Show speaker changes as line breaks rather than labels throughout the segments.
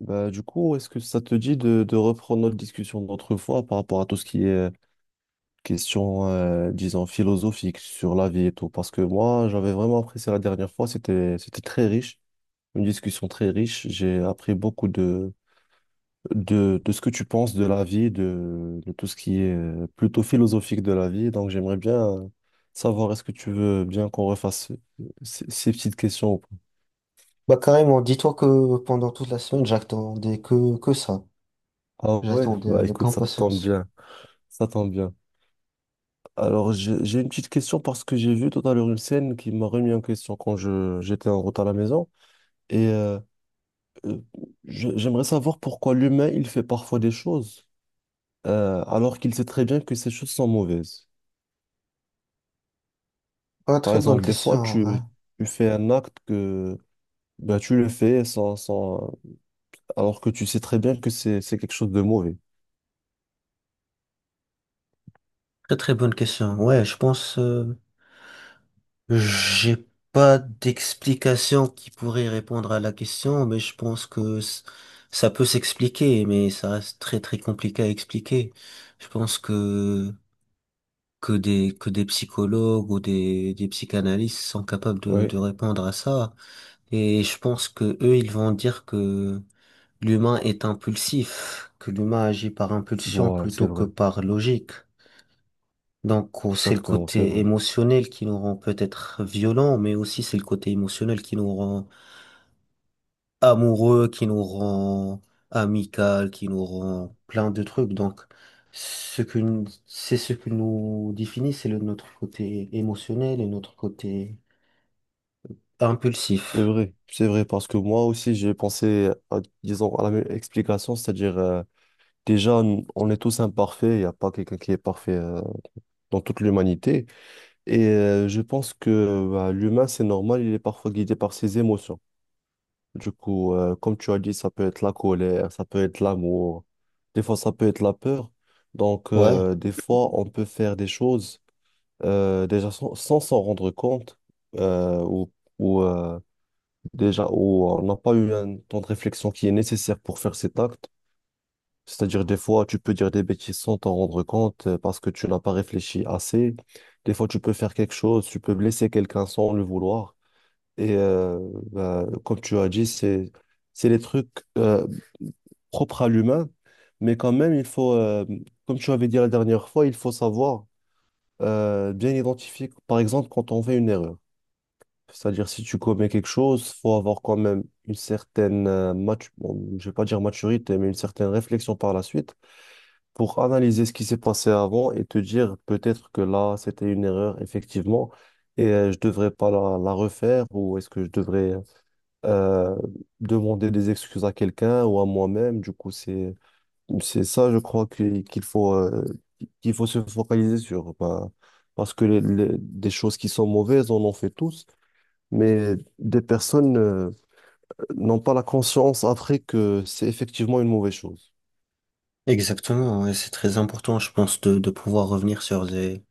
Bah, du coup, est-ce que ça te dit de reprendre notre discussion d'autrefois par rapport à tout ce qui est question, disons, philosophique sur la vie et tout? Parce que moi, j'avais vraiment apprécié la dernière fois, c'était très riche, une discussion très riche. J'ai appris beaucoup de ce que tu penses de la vie, de tout ce qui est plutôt philosophique de la vie. Donc, j'aimerais bien, savoir, est-ce que tu veux bien qu'on refasse ces petites questions? Ou pas.
Bah carrément, dis-toi que pendant toute la semaine, j'attendais que ça.
Ah ouais,
J'attendais
bah
avec
écoute,
impatience.
ça tombe bien. Alors, j'ai une petite question parce que j'ai vu tout à l'heure une scène qui m'a remis en question quand j'étais en route à la maison. Et euh, euh, J'aimerais savoir pourquoi l'humain, il fait parfois des choses, alors qu'il sait très bien que ces choses sont mauvaises.
Ah,
Par
très bonne
exemple, des
question,
fois,
en vrai.
tu fais un acte que, ben, tu le fais sans, sans, alors que tu sais très bien que c'est quelque chose de mauvais.
Très très bonne question. Ouais, je pense, j'ai pas d'explication qui pourrait répondre à la question, mais je pense que c- ça peut s'expliquer, mais ça reste très très compliqué à expliquer. Je pense que des psychologues ou des psychanalystes sont capables de
Oui,
répondre à ça. Et je pense que eux, ils vont dire que l'humain est impulsif, que l'humain agit par impulsion
voilà, c'est
plutôt que
vrai.
par logique. Donc oh, c'est le
Exactement, c'est
côté
vrai.
émotionnel qui nous rend peut-être violents, mais aussi c'est le côté émotionnel qui nous rend amoureux, qui nous rend amical, qui nous rend plein de trucs. Donc c'est ce que nous définit, notre côté émotionnel et notre côté
C'est
impulsif.
vrai, c'est vrai, parce que moi aussi, j'ai pensé à, disons, à la même explication, c'est-à-dire déjà, on est tous imparfaits, il n'y a pas quelqu'un qui est parfait, dans toute l'humanité. Et je pense que, bah, l'humain, c'est normal, il est parfois guidé par ses émotions. Du coup, comme tu as dit, ça peut être la colère, ça peut être l'amour, des fois ça peut être la peur. Donc,
Ouais,
des fois, on peut faire des choses, déjà sans s'en rendre compte, euh, ou, ou, euh, déjà où on n'a pas eu un temps de réflexion qui est nécessaire pour faire cet acte. C'est-à-dire, des fois, tu peux dire des bêtises sans t'en rendre compte, parce que tu n'as pas réfléchi assez. Des fois, tu peux faire quelque chose, tu peux blesser quelqu'un sans le vouloir. Et bah, comme tu as dit, c'est des trucs, euh, propres à l'humain. Mais quand même, il faut, comme tu avais dit la dernière fois, il faut savoir, bien identifier, par exemple, quand on fait une erreur. C'est-à-dire, si tu commets quelque chose, faut avoir quand même une certaine, bon, je vais pas dire maturité, mais une certaine réflexion par la suite pour analyser ce qui s'est passé avant et te dire peut-être que là, c'était une erreur, effectivement, et je devrais pas la refaire, ou est-ce que je devrais, euh, demander des excuses à quelqu'un ou à moi-même. Du coup, c'est ça, je crois, qu'il faut se focaliser sur. Bah, parce que des choses qui sont mauvaises, on en fait tous. Mais des personnes, n'ont pas la conscience après que c'est effectivement une mauvaise chose.
exactement. Ouais, c'est très important, je pense, de pouvoir revenir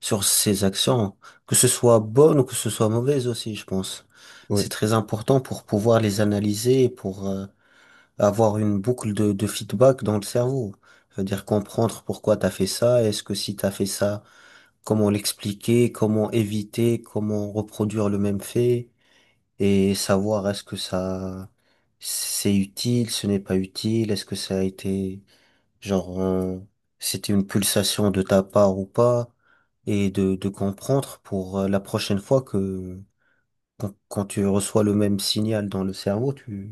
sur ses actions, que ce soit bonne ou que ce soit mauvaise aussi, je pense. C'est
Oui,
très important pour pouvoir les analyser, et pour avoir une boucle de feedback dans le cerveau. C'est-à-dire comprendre pourquoi t'as fait ça, est-ce que si t'as fait ça, comment l'expliquer, comment éviter, comment reproduire le même fait, et savoir est-ce que ça c'est utile, ce n'est pas utile, est-ce que ça a été Genre, euh, c'était une pulsation de ta part ou pas, et de comprendre pour la prochaine fois que quand tu reçois le même signal dans le cerveau, tu,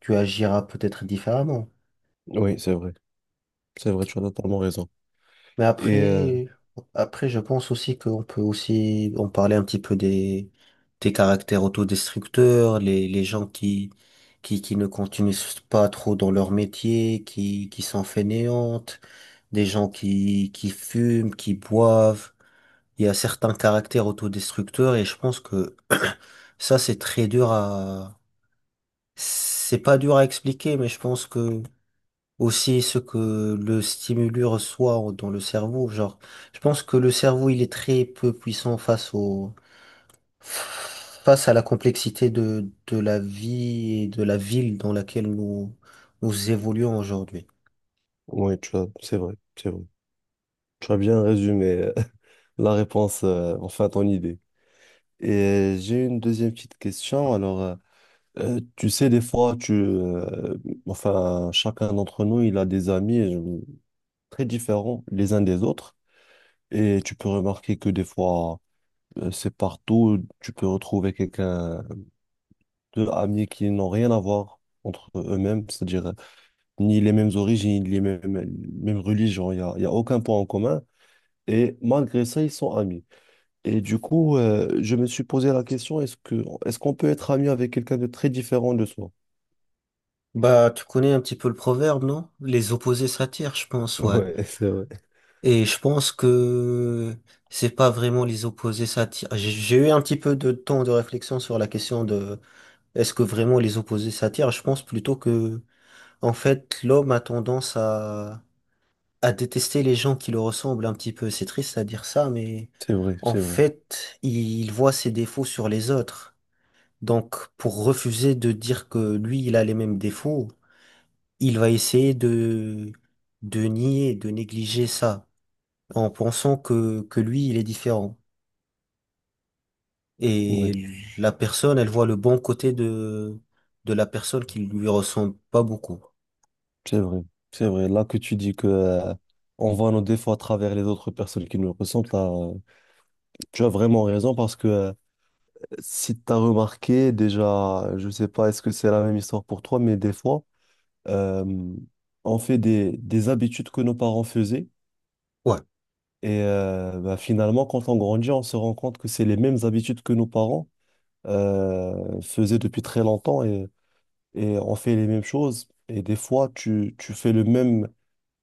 tu agiras peut-être différemment.
oui, c'est vrai. C'est vrai, tu as totalement raison.
Mais
Et euh,
après, après, je pense aussi qu'on peut aussi en parler un petit peu des caractères autodestructeurs, les gens qui ne continuent pas trop dans leur métier, qui sont fainéantes, des gens qui fument, qui boivent. Il y a certains caractères autodestructeurs et je pense que ça, c'est très dur à... C'est pas dur à expliquer, mais je pense que aussi ce que le stimulus reçoit dans le cerveau, genre, je pense que le cerveau, il est très peu puissant face au... face à la complexité de la vie et de la ville dans laquelle nous évoluons aujourd'hui.
oui, tu as, c'est vrai, c'est vrai. Tu as bien résumé, la réponse, enfin ton idée. Et j'ai une deuxième petite question. Alors, tu sais, des fois, enfin, chacun d'entre nous, il a des amis, très différents les uns des autres. Et tu peux remarquer que des fois, c'est partout, tu peux retrouver quelqu'un, deux amis qui n'ont rien à voir entre eux-mêmes, c'est-à-dire, ni les mêmes origines, ni mêmes religions, il y a aucun point en commun. Et malgré ça, ils sont amis. Et du coup, je me suis posé la question, est-ce qu'on peut être ami avec quelqu'un de très différent de soi?
Bah, tu connais un petit peu le proverbe, non? Les opposés s'attirent, je pense, ouais.
Ouais, c'est vrai.
Et je pense que c'est pas vraiment les opposés s'attirent. J'ai eu un petit peu de temps de réflexion sur la question de est-ce que vraiment les opposés s'attirent? Je pense plutôt que, en fait, l'homme a tendance à détester les gens qui le ressemblent un petit peu. C'est triste à dire ça, mais
C'est vrai,
en
c'est vrai.
fait, il voit ses défauts sur les autres. Donc, pour refuser de dire que lui, il a les mêmes défauts, il va essayer de nier, de négliger ça en pensant que lui, il est différent.
Oui,
Et la personne, elle voit le bon côté de la personne qui lui ressemble pas beaucoup.
c'est vrai. C'est vrai. Là que tu dis que, on voit nos défauts à travers les autres personnes qui nous ressemblent, là, tu as vraiment raison parce que, si tu as remarqué, déjà, je sais pas, est-ce que c'est la même histoire pour toi, mais des fois, euh, on fait des habitudes que nos parents faisaient.
Ouais,
Et bah, finalement, quand on grandit, on se rend compte que c'est les mêmes habitudes que nos parents, faisaient depuis très longtemps et on fait les mêmes choses. Et des fois, tu fais le même,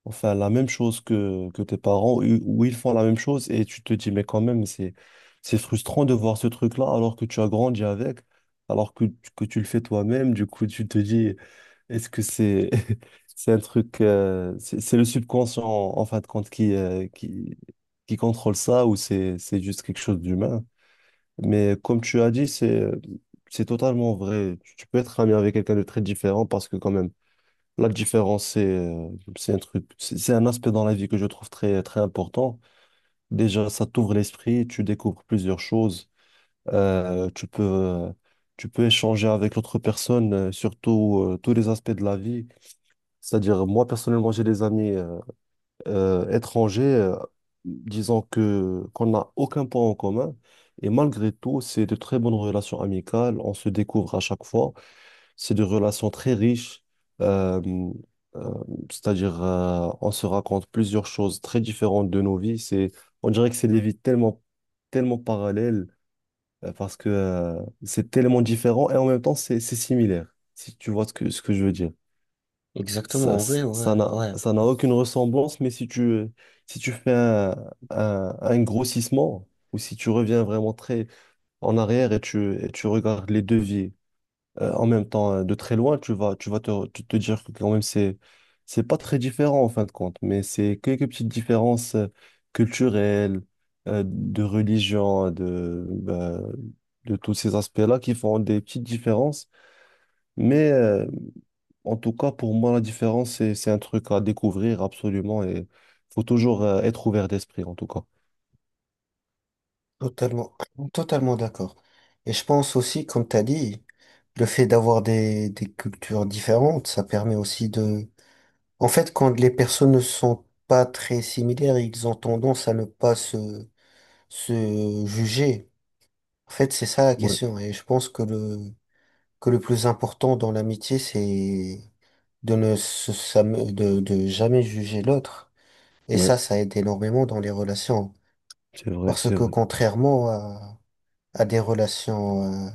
enfin, la même chose que tes parents, ou ils font la même chose et tu te dis, mais quand même, c'est frustrant de voir ce truc-là alors que tu as grandi avec, alors que, que tu le fais toi-même. Du coup, tu te dis, est-ce que c'est c'est un truc, c'est le subconscient en fin de compte qui contrôle ça, ou c'est juste quelque chose d'humain? Mais comme tu as dit, c'est, c'est totalement vrai. Tu peux être ami avec quelqu'un de très différent parce que quand même la différence c'est, c'est un truc, c'est un aspect dans la vie que je trouve très très important. Déjà, ça t'ouvre l'esprit, tu découvres plusieurs choses. Euh, tu peux euh, Tu peux échanger avec l'autre personne, sur tout, tous les aspects de la vie. C'est-à-dire, moi, personnellement, j'ai des amis, étrangers, disons que qu'on n'a aucun point en commun. Et malgré tout, c'est de très bonnes relations amicales. On se découvre à chaque fois. C'est des relations très riches. euh, euh, on se raconte plusieurs choses très différentes de nos vies. C'est, on dirait que c'est des vies tellement parallèles, parce que, c'est tellement différent et en même temps, c'est similaire. Si tu vois ce ce que je veux dire.
exactement,
Ça,
en vrai, ouais, ouais.
ça n'a aucune ressemblance, mais si tu fais un grossissement, ou si tu reviens vraiment très en arrière et et tu regardes les devis, en même temps, de très loin, tu vas tu te dire que quand même c'est pas très différent en fin de compte, mais c'est quelques petites différences, culturelles, de religion, de, bah, de tous ces aspects-là qui font des petites différences. Mais, en tout cas, pour moi, la différence, c'est un truc à découvrir absolument et faut toujours, être ouvert d'esprit, en tout cas.
Totalement, totalement d'accord. Et je pense aussi, comme t'as dit, le fait d'avoir des cultures différentes, ça permet aussi de... En fait, quand les personnes ne sont pas très similaires, ils ont tendance à ne pas se juger. En fait, c'est ça la
Ouais.
question. Et je pense que que le plus important dans l'amitié, c'est de ne se, sam- de jamais juger l'autre. Et ça,
Oui,
ça aide énormément dans les relations.
c'est vrai,
Parce
c'est
que
vrai.
contrairement à des relations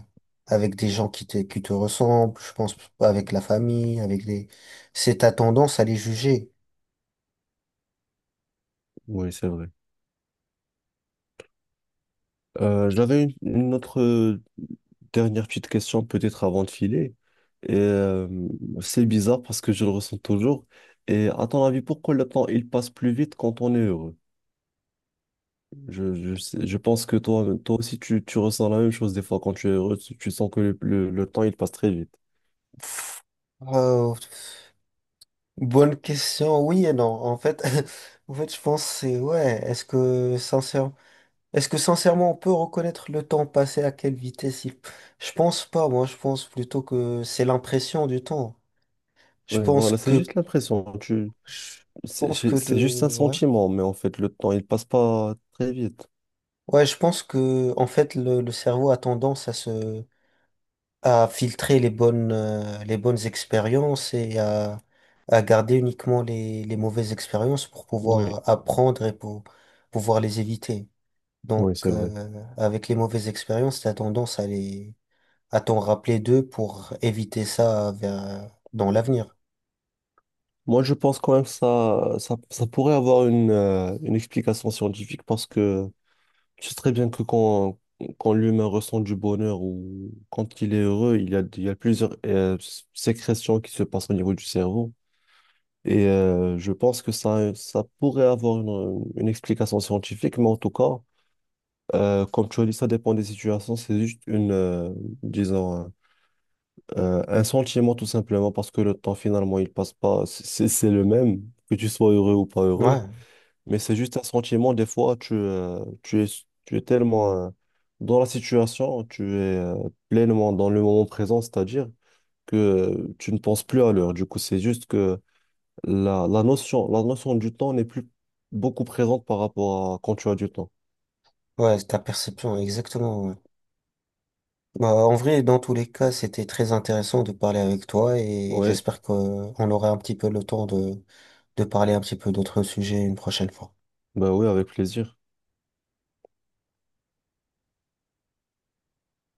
avec des gens qui te ressemblent, je pense avec la famille, avec les... C'est ta tendance à les juger.
Oui, c'est vrai. J'avais une autre, dernière petite question, peut-être avant de filer. Et, c'est bizarre parce que je le ressens toujours. Et à ton avis, pourquoi le temps, il passe plus vite quand on est heureux? Je pense que toi, toi aussi, tu ressens la même chose des fois quand tu es heureux, tu sens que le temps, il passe très vite.
Euh, Bonne question, oui et non. En fait, en fait, je pense c'est ouais. Est-ce que sincèrement on peut reconnaître le temps passé à quelle vitesse il... Je pense pas, moi je pense plutôt que c'est l'impression du temps. Je
Oui,
pense
voilà, c'est
que...
juste l'impression.
Je
C'est
pense que le...
c'est juste un
Ouais.
sentiment, mais en fait, le temps, il passe pas très vite.
Ouais, je pense que en fait le cerveau a tendance à se... à filtrer les bonnes expériences et à garder uniquement les mauvaises expériences pour
Oui,
pouvoir apprendre et pour pouvoir les éviter. Donc
oui, c'est vrai.
avec les mauvaises expériences, t'as tendance à les... à t'en rappeler d'eux pour éviter dans l'avenir?
Moi, je pense quand même ça pourrait avoir une explication scientifique parce que tu sais très bien que quand l'humain ressent du bonheur ou quand il est heureux, il y a plusieurs, sécrétions qui se passent au niveau du cerveau. Et je pense que ça pourrait avoir une explication scientifique, mais en tout cas, comme tu as dit, ça dépend des situations. C'est juste une, disons, un sentiment tout simplement parce que le temps finalement, il passe pas. C'est c'est le même, que tu sois heureux ou pas heureux.
Ouais,
Mais c'est juste un sentiment, des fois, tu es tellement, dans la situation, tu es, pleinement dans le moment présent, c'est-à-dire que, tu ne penses plus à l'heure. Du coup, c'est juste que la notion du temps n'est plus beaucoup présente par rapport à quand tu as du temps.
ouais, c'est ta perception, exactement. Ouais. Bah, en vrai, dans tous les cas, c'était très intéressant de parler avec toi et
Ouais,
j'espère qu'on aura un petit peu le temps de parler un petit peu d'autres sujets une prochaine fois.
bah oui, avec plaisir.